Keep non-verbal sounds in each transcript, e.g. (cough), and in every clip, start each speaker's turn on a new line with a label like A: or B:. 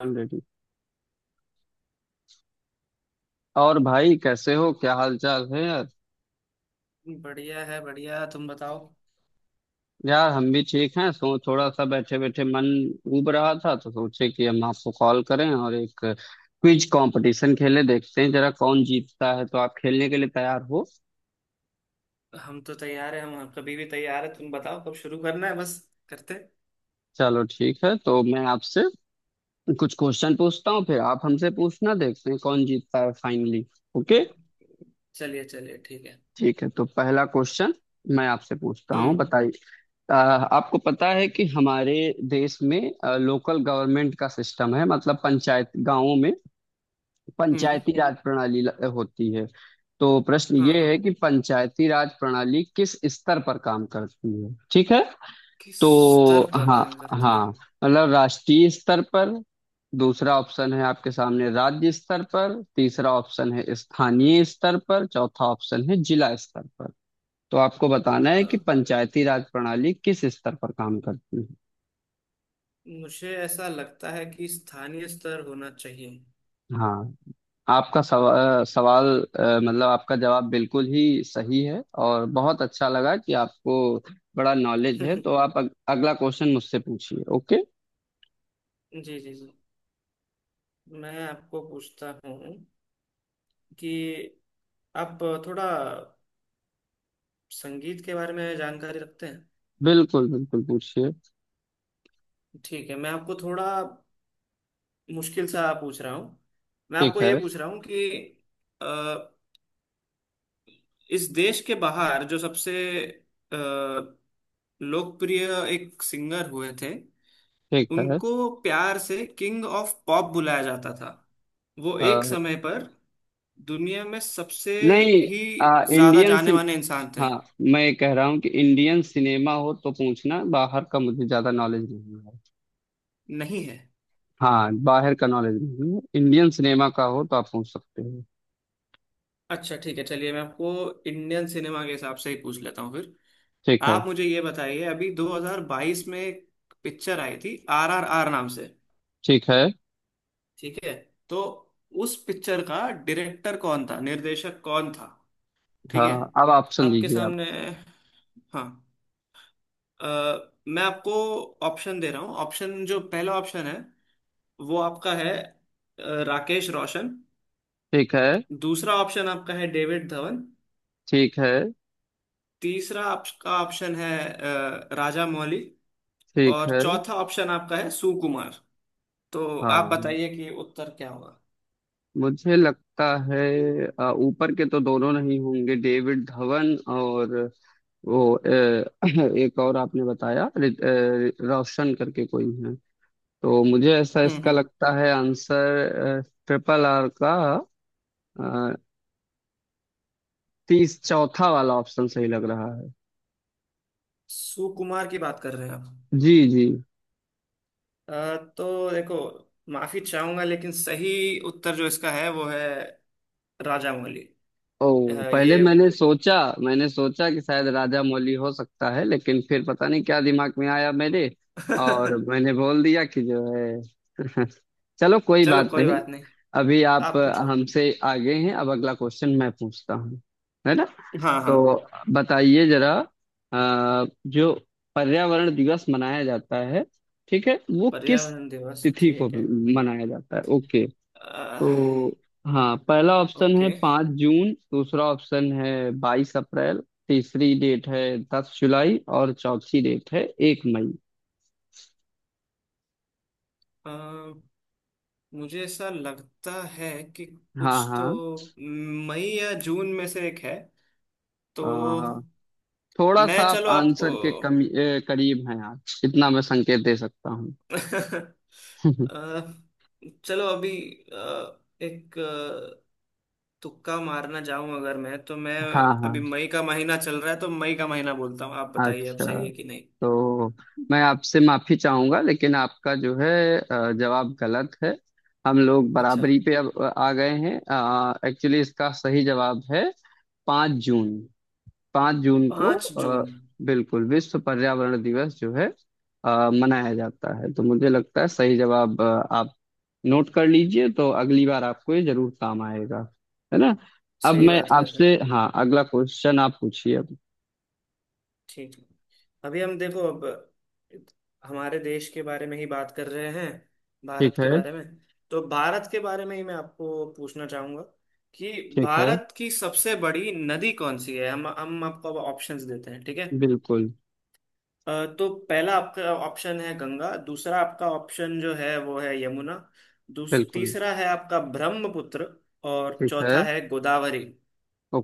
A: Already. और भाई कैसे हो, क्या हाल चाल है यार?
B: बढ़िया है, बढ़िया। तुम बताओ।
A: यार हम भी ठीक हैं। सो थोड़ा सा बैठे बैठे मन उब रहा था तो सोचे कि हम आपको कॉल करें और एक क्विज कंपटीशन खेले, देखते हैं जरा कौन जीतता है। तो आप खेलने के लिए तैयार हो?
B: हम तो तैयार है। हम कभी भी तैयार है। तुम बताओ कब शुरू करना है बस करते।
A: चलो ठीक है, तो मैं आपसे कुछ क्वेश्चन पूछता हूँ, फिर आप हमसे पूछना, देखते हैं कौन जीतता है फाइनली। ओके।
B: चलिए, चलिए, ठीक है।
A: ठीक है तो पहला क्वेश्चन मैं आपसे पूछता हूँ,
B: हम्म।
A: बताइए। आपको पता है कि हमारे देश में लोकल गवर्नमेंट का सिस्टम है, मतलब पंचायत, गांवों में
B: हम्म।
A: पंचायती राज प्रणाली होती है। तो प्रश्न
B: हाँ,
A: ये
B: हाँ।
A: है कि पंचायती राज प्रणाली किस स्तर पर काम करती है। ठीक है
B: किस
A: तो
B: स्तर पर
A: हाँ
B: काम करती है?
A: हाँ, मतलब राष्ट्रीय स्तर पर, दूसरा ऑप्शन है आपके सामने राज्य स्तर पर, तीसरा ऑप्शन है स्थानीय स्तर पर, चौथा ऑप्शन है जिला स्तर पर। तो आपको बताना है
B: अ,
A: कि पंचायती राज प्रणाली किस स्तर पर काम करती है।
B: मुझे ऐसा लगता है कि स्थानीय स्तर होना चाहिए।
A: हाँ। आपका सवाल, मतलब आपका जवाब बिल्कुल ही सही है, और बहुत अच्छा लगा कि आपको बड़ा नॉलेज है। तो
B: (laughs)
A: आप अगला क्वेश्चन मुझसे पूछिए। ओके।
B: जी, जी, जी। मैं आपको पूछता हूँ कि आप थोड़ा संगीत के बारे में जानकारी रखते हैं?
A: बिल्कुल बिल्कुल पूछिए।
B: ठीक है। मैं आपको थोड़ा मुश्किल सा पूछ रहा हूँ। मैं
A: ठीक
B: आपको
A: है।
B: ये पूछ रहा हूँ कि अ, इस देश के बाहर जो सबसे अ, लोकप्रिय एक सिंगर हुए थे।
A: ठीक है।
B: उनको प्यार से किंग ऑफ पॉप बुलाया जाता था। वो एक
A: अ,
B: समय पर दुनिया में सबसे
A: नहीं,
B: ही ज्यादा
A: इंडियन
B: जाने
A: सिन,
B: माने इंसान थे।
A: हाँ, मैं कह रहा हूँ कि इंडियन सिनेमा हो तो पूछना, बाहर का मुझे ज्यादा नॉलेज नहीं है।
B: नहीं है।
A: हाँ, बाहर का नॉलेज नहीं है, इंडियन सिनेमा का हो तो आप पूछ सकते हो।
B: अच्छा, ठीक है। चलिए, मैं आपको इंडियन सिनेमा के हिसाब से ही पूछ लेता हूँ फिर।
A: ठीक है।
B: आप मुझे ये बताइए, अभी 2022 में एक पिक्चर आई थी आरआरआर नाम से।
A: ठीक है।
B: ठीक है। तो उस पिक्चर का डायरेक्टर कौन था, निर्देशक कौन था? ठीक है।
A: हाँ अब ऑप्शन
B: आपके
A: दीजिए आप।
B: सामने। हाँ। अ, मैं आपको ऑप्शन दे रहा हूँ। ऑप्शन, जो पहला ऑप्शन है वो आपका है, राकेश रोशन।
A: ठीक है।
B: दूसरा ऑप्शन आपका है डेविड धवन।
A: ठीक है।
B: तीसरा आपका ऑप्शन है राजा मौली।
A: ठीक
B: और
A: है।
B: चौथा ऑप्शन आपका है सुकुमार। तो आप
A: हाँ।
B: बताइए कि उत्तर क्या होगा।
A: मुझे लगता है ऊपर के तो दोनों नहीं होंगे, डेविड धवन और वो (clears throat) एक और आपने बताया रोशन करके कोई है, तो मुझे ऐसा
B: हम्म।
A: इसका
B: हम्म।
A: लगता है आंसर ट्रिपल आर का, तीस, चौथा वाला ऑप्शन सही लग रहा है।
B: सुकुमार की बात कर रहे हैं आप?
A: जी जी।
B: तो देखो, माफी चाहूंगा लेकिन सही उत्तर जो इसका है वो है राजामौली।
A: ओ
B: ये
A: पहले मैंने सोचा, मैंने सोचा कि शायद राजा मौली हो सकता है, लेकिन फिर पता नहीं क्या दिमाग में आया मेरे, और
B: (laughs)
A: मैंने बोल दिया कि जो है (laughs) चलो कोई
B: चलो
A: बात
B: कोई
A: नहीं।
B: बात नहीं।
A: अभी आप
B: आप पूछो।
A: हमसे आगे हैं, अब अगला क्वेश्चन मैं पूछता हूँ, है ना?
B: हाँ, हाँ।
A: तो बताइए जरा, जो पर्यावरण दिवस मनाया जाता है, ठीक है, वो किस
B: पर्यावरण दिवस,
A: तिथि को
B: ठीक है।
A: मनाया जाता है। ओके।
B: अ,
A: तो हाँ, पहला ऑप्शन
B: ओके।
A: है पाँच जून, दूसरा ऑप्शन है बाईस अप्रैल, तीसरी डेट है दस जुलाई, और चौथी डेट है एक मई।
B: अ, मुझे ऐसा लगता है कि
A: हाँ
B: कुछ तो
A: हाँ।
B: मई या जून में से एक है। तो
A: आ, थोड़ा
B: मैं,
A: सा आप
B: चलो, आपको
A: आंसर के करीब हैं आप, इतना मैं संकेत दे सकता हूँ।
B: (laughs) अ,
A: (laughs)
B: चलो, अभी एक तुक्का मारना चाहूं अगर मैं तो मैं
A: हाँ
B: अभी
A: हाँ।
B: मई का महीना चल रहा है तो मई का महीना बोलता हूँ। आप बताइए अब
A: अच्छा
B: सही है कि नहीं।
A: तो मैं आपसे माफी चाहूंगा, लेकिन आपका जो है जवाब गलत है। हम लोग
B: अच्छा।
A: बराबरी पे अब आ गए हैं। एक्चुअली इसका सही जवाब है पाँच जून। पाँच जून को
B: पांच जून
A: बिल्कुल विश्व पर्यावरण दिवस जो है मनाया जाता है। तो मुझे लगता है सही जवाब, आप नोट कर लीजिए तो अगली बार आपको ये जरूर काम आएगा, है ना? अब
B: सही
A: मैं
B: बात कर रहे।
A: आपसे हाँ, अगला क्वेश्चन आप पूछिए अब।
B: ठीक है। अभी हम देखो, अब हमारे देश के बारे में ही बात कर रहे हैं,
A: ठीक
B: भारत के
A: है।
B: बारे में। तो भारत के बारे में ही मैं आपको पूछना चाहूंगा कि
A: ठीक है।
B: भारत की सबसे बड़ी नदी कौन सी है। हम आपको अब ऑप्शंस देते हैं, ठीक है।
A: बिल्कुल।
B: तो पहला आपका ऑप्शन है गंगा, दूसरा आपका ऑप्शन जो है वो है यमुना,
A: बिल्कुल।
B: तीसरा है आपका ब्रह्मपुत्र, और
A: ठीक है।
B: चौथा है गोदावरी।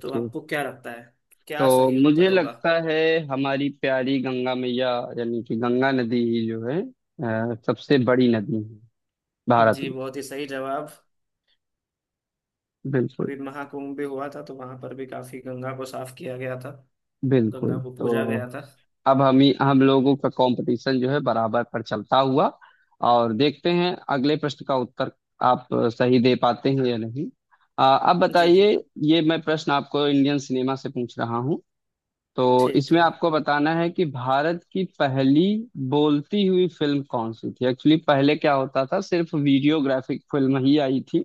B: तो आपको क्या लगता है, क्या
A: तो
B: सही
A: मुझे
B: उत्तर होगा?
A: लगता है हमारी प्यारी गंगा मैया, यानी कि गंगा नदी ही जो है सबसे बड़ी नदी है भारत
B: जी,
A: में।
B: बहुत ही सही जवाब।
A: बिल्कुल।
B: अभी महाकुंभ भी हुआ था तो वहां पर भी काफी गंगा को साफ किया गया था।
A: बिल्कुल।
B: गंगा को पूजा
A: तो
B: गया था।
A: अब हम लोगों का कंपटीशन जो है बराबर पर चलता हुआ, और देखते हैं अगले प्रश्न का उत्तर आप सही दे पाते हैं या नहीं। अब
B: जी, जी।
A: बताइए, ये मैं प्रश्न आपको इंडियन सिनेमा से पूछ रहा हूँ। तो
B: ठीक
A: इसमें
B: ठीक।
A: आपको बताना है कि भारत की पहली बोलती हुई फिल्म कौन सी थी। एक्चुअली पहले क्या होता था, सिर्फ वीडियोग्राफिक फिल्म ही आई थी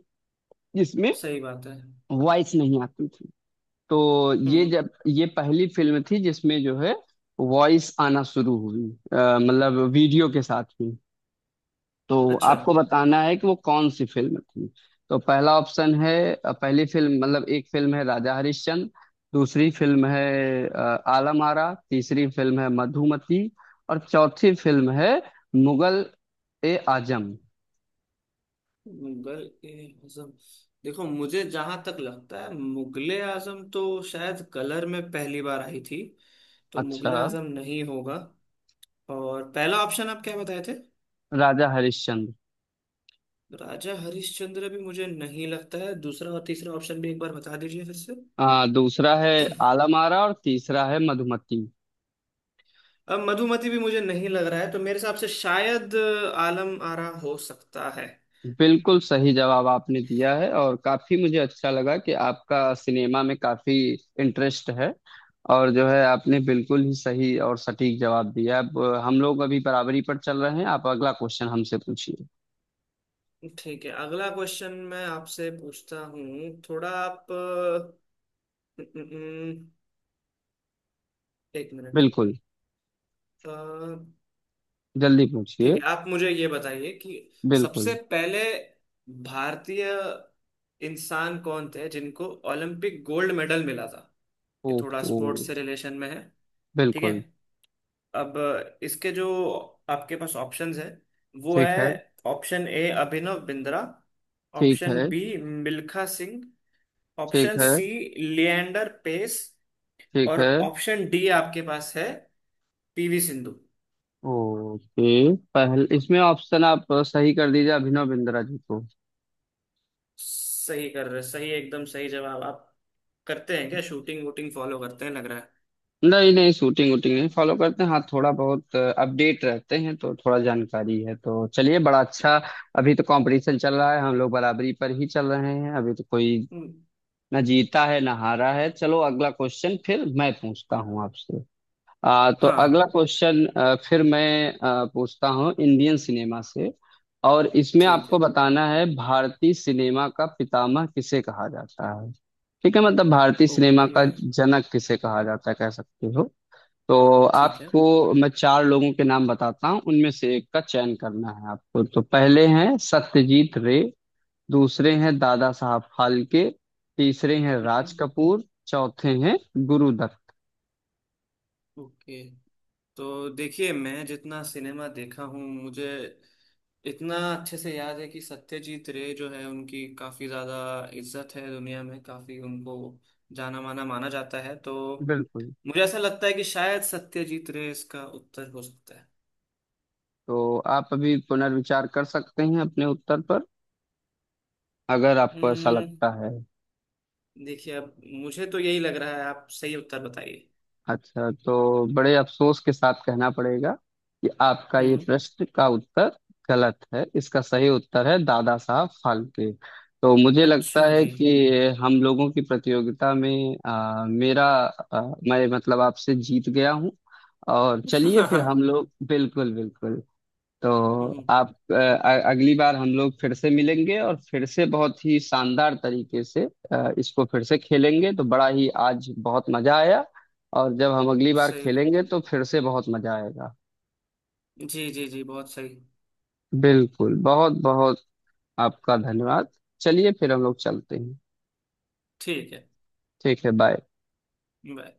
A: जिसमें
B: सही बात है।
A: वॉइस नहीं आती थी। तो
B: हम्म।
A: ये
B: हम्म।
A: जब ये पहली फिल्म थी जिसमें जो है वॉइस आना शुरू हुई, मतलब वीडियो के साथ ही। तो
B: अच्छा,
A: आपको बताना है कि वो कौन सी फिल्म थी। तो पहला ऑप्शन है पहली फिल्म मतलब एक फिल्म है राजा हरिश्चंद्र, दूसरी फिल्म है अ, आलम आरा, तीसरी फिल्म है मधुमती, और चौथी फिल्म है मुगल ए आजम।
B: मुगल ए आजम। देखो, मुझे जहां तक लगता है मुगले आजम तो शायद कलर में पहली बार आई थी, तो
A: अच्छा।
B: मुगले आजम नहीं होगा। और पहला ऑप्शन आप क्या बताए थे?
A: राजा हरिश्चंद्र।
B: राजा हरिश्चंद्र भी मुझे नहीं लगता है। दूसरा और तीसरा ऑप्शन भी एक बार बता दीजिए फिर से।
A: हाँ, दूसरा है आलम आरा और तीसरा है मधुमती।
B: अब मधुमति भी मुझे नहीं लग रहा है तो मेरे हिसाब से शायद आलम आरा हो सकता है।
A: बिल्कुल सही जवाब आपने दिया है, और काफी मुझे अच्छा लगा कि आपका सिनेमा में काफी इंटरेस्ट है, और जो है आपने बिल्कुल ही सही और सटीक जवाब दिया। अब हम लोग अभी बराबरी पर चल रहे हैं, आप अगला क्वेश्चन हमसे पूछिए।
B: ठीक है। अगला क्वेश्चन मैं आपसे पूछता हूँ। थोड़ा आप, न- न- न- एक मिनट।
A: बिल्कुल।
B: अ,
A: जल्दी
B: ठीक
A: पूछिए।
B: है। आप मुझे ये बताइए कि
A: बिल्कुल।
B: सबसे पहले भारतीय इंसान कौन थे जिनको ओलंपिक गोल्ड मेडल मिला था। ये थोड़ा
A: ओहो।
B: स्पोर्ट्स से रिलेशन में है। ठीक है।
A: बिल्कुल।
B: अब इसके जो आपके पास ऑप्शंस है वो
A: ठीक है।
B: है: ऑप्शन ए, अभिनव बिंद्रा।
A: ठीक
B: ऑप्शन
A: है।
B: बी, मिल्खा सिंह।
A: ठीक
B: ऑप्शन
A: है।
B: सी, लिएंडर पेस।
A: ठीक
B: और
A: है।
B: ऑप्शन डी आपके पास है, पीवी सिंधु।
A: ओके, पहले इसमें ऑप्शन आप सही कर दीजिए, अभिनव बिंद्रा जी को।
B: सही कर रहे, सही, एकदम सही जवाब। आप करते हैं क्या शूटिंग वूटिंग फॉलो करते हैं, लग रहा है।
A: नहीं नहीं, शूटिंग वूटिंग नहीं फॉलो करते हैं। हाँ थोड़ा बहुत अपडेट रहते हैं तो थोड़ा जानकारी है। तो चलिए, बड़ा अच्छा, अभी तो कंपटीशन चल रहा है, हम लोग बराबरी पर ही चल रहे हैं, अभी तो कोई
B: हम्म।
A: ना जीता है ना हारा है। चलो अगला क्वेश्चन फिर मैं पूछता हूँ आपसे। तो
B: हाँ,
A: अगला
B: हाँ।
A: क्वेश्चन फिर मैं पूछता हूँ इंडियन सिनेमा से, और इसमें
B: ठीक
A: आपको
B: है।
A: बताना है भारतीय सिनेमा का पितामह किसे कहा जाता है। ठीक है, मतलब भारतीय सिनेमा
B: ओके।
A: का जनक किसे कहा जाता है, कह सकते हो। तो
B: ठीक है।
A: आपको मैं चार लोगों के नाम बताता हूँ, उनमें से एक का चयन करना है आपको। तो पहले हैं सत्यजीत रे, दूसरे हैं दादा साहब फाल्के, तीसरे हैं राज
B: हम्म।
A: कपूर, चौथे हैं गुरुदत्त।
B: ओके। तो देखिए, मैं जितना सिनेमा देखा हूँ मुझे इतना अच्छे से याद है कि सत्यजीत रे जो है उनकी काफी ज्यादा इज्जत है दुनिया में, काफी उनको जाना माना माना जाता है, तो
A: बिल्कुल।
B: मुझे ऐसा लगता है कि शायद सत्यजीत रे इसका उत्तर हो सकता है।
A: तो आप अभी पुनर्विचार कर सकते हैं अपने उत्तर पर, अगर आपको ऐसा
B: हम्म।
A: लगता है।
B: देखिए, अब मुझे तो यही लग रहा है। आप सही उत्तर बताइए।
A: अच्छा, तो बड़े अफसोस के साथ कहना पड़ेगा कि आपका ये
B: हम्म।
A: प्रश्न का उत्तर गलत है। इसका सही उत्तर है दादा साहब फाल्के। तो मुझे लगता
B: अच्छा
A: है
B: जी।
A: कि हम लोगों की प्रतियोगिता में आ, मैं मतलब आपसे जीत गया हूँ। और
B: (laughs)
A: चलिए फिर
B: हम्म।
A: हम लोग, बिल्कुल बिल्कुल। तो आप अगली बार हम लोग फिर से मिलेंगे और फिर से बहुत ही शानदार तरीके से इसको फिर से खेलेंगे। तो बड़ा ही आज बहुत मजा आया, और जब हम अगली बार
B: सही बात।
A: खेलेंगे तो फिर से बहुत मजा आएगा।
B: जी, जी, जी। बहुत सही।
A: बिल्कुल। बहुत बहुत आपका धन्यवाद। चलिए फिर हम लोग चलते हैं।
B: ठीक है।
A: ठीक है, बाय।
B: बाय।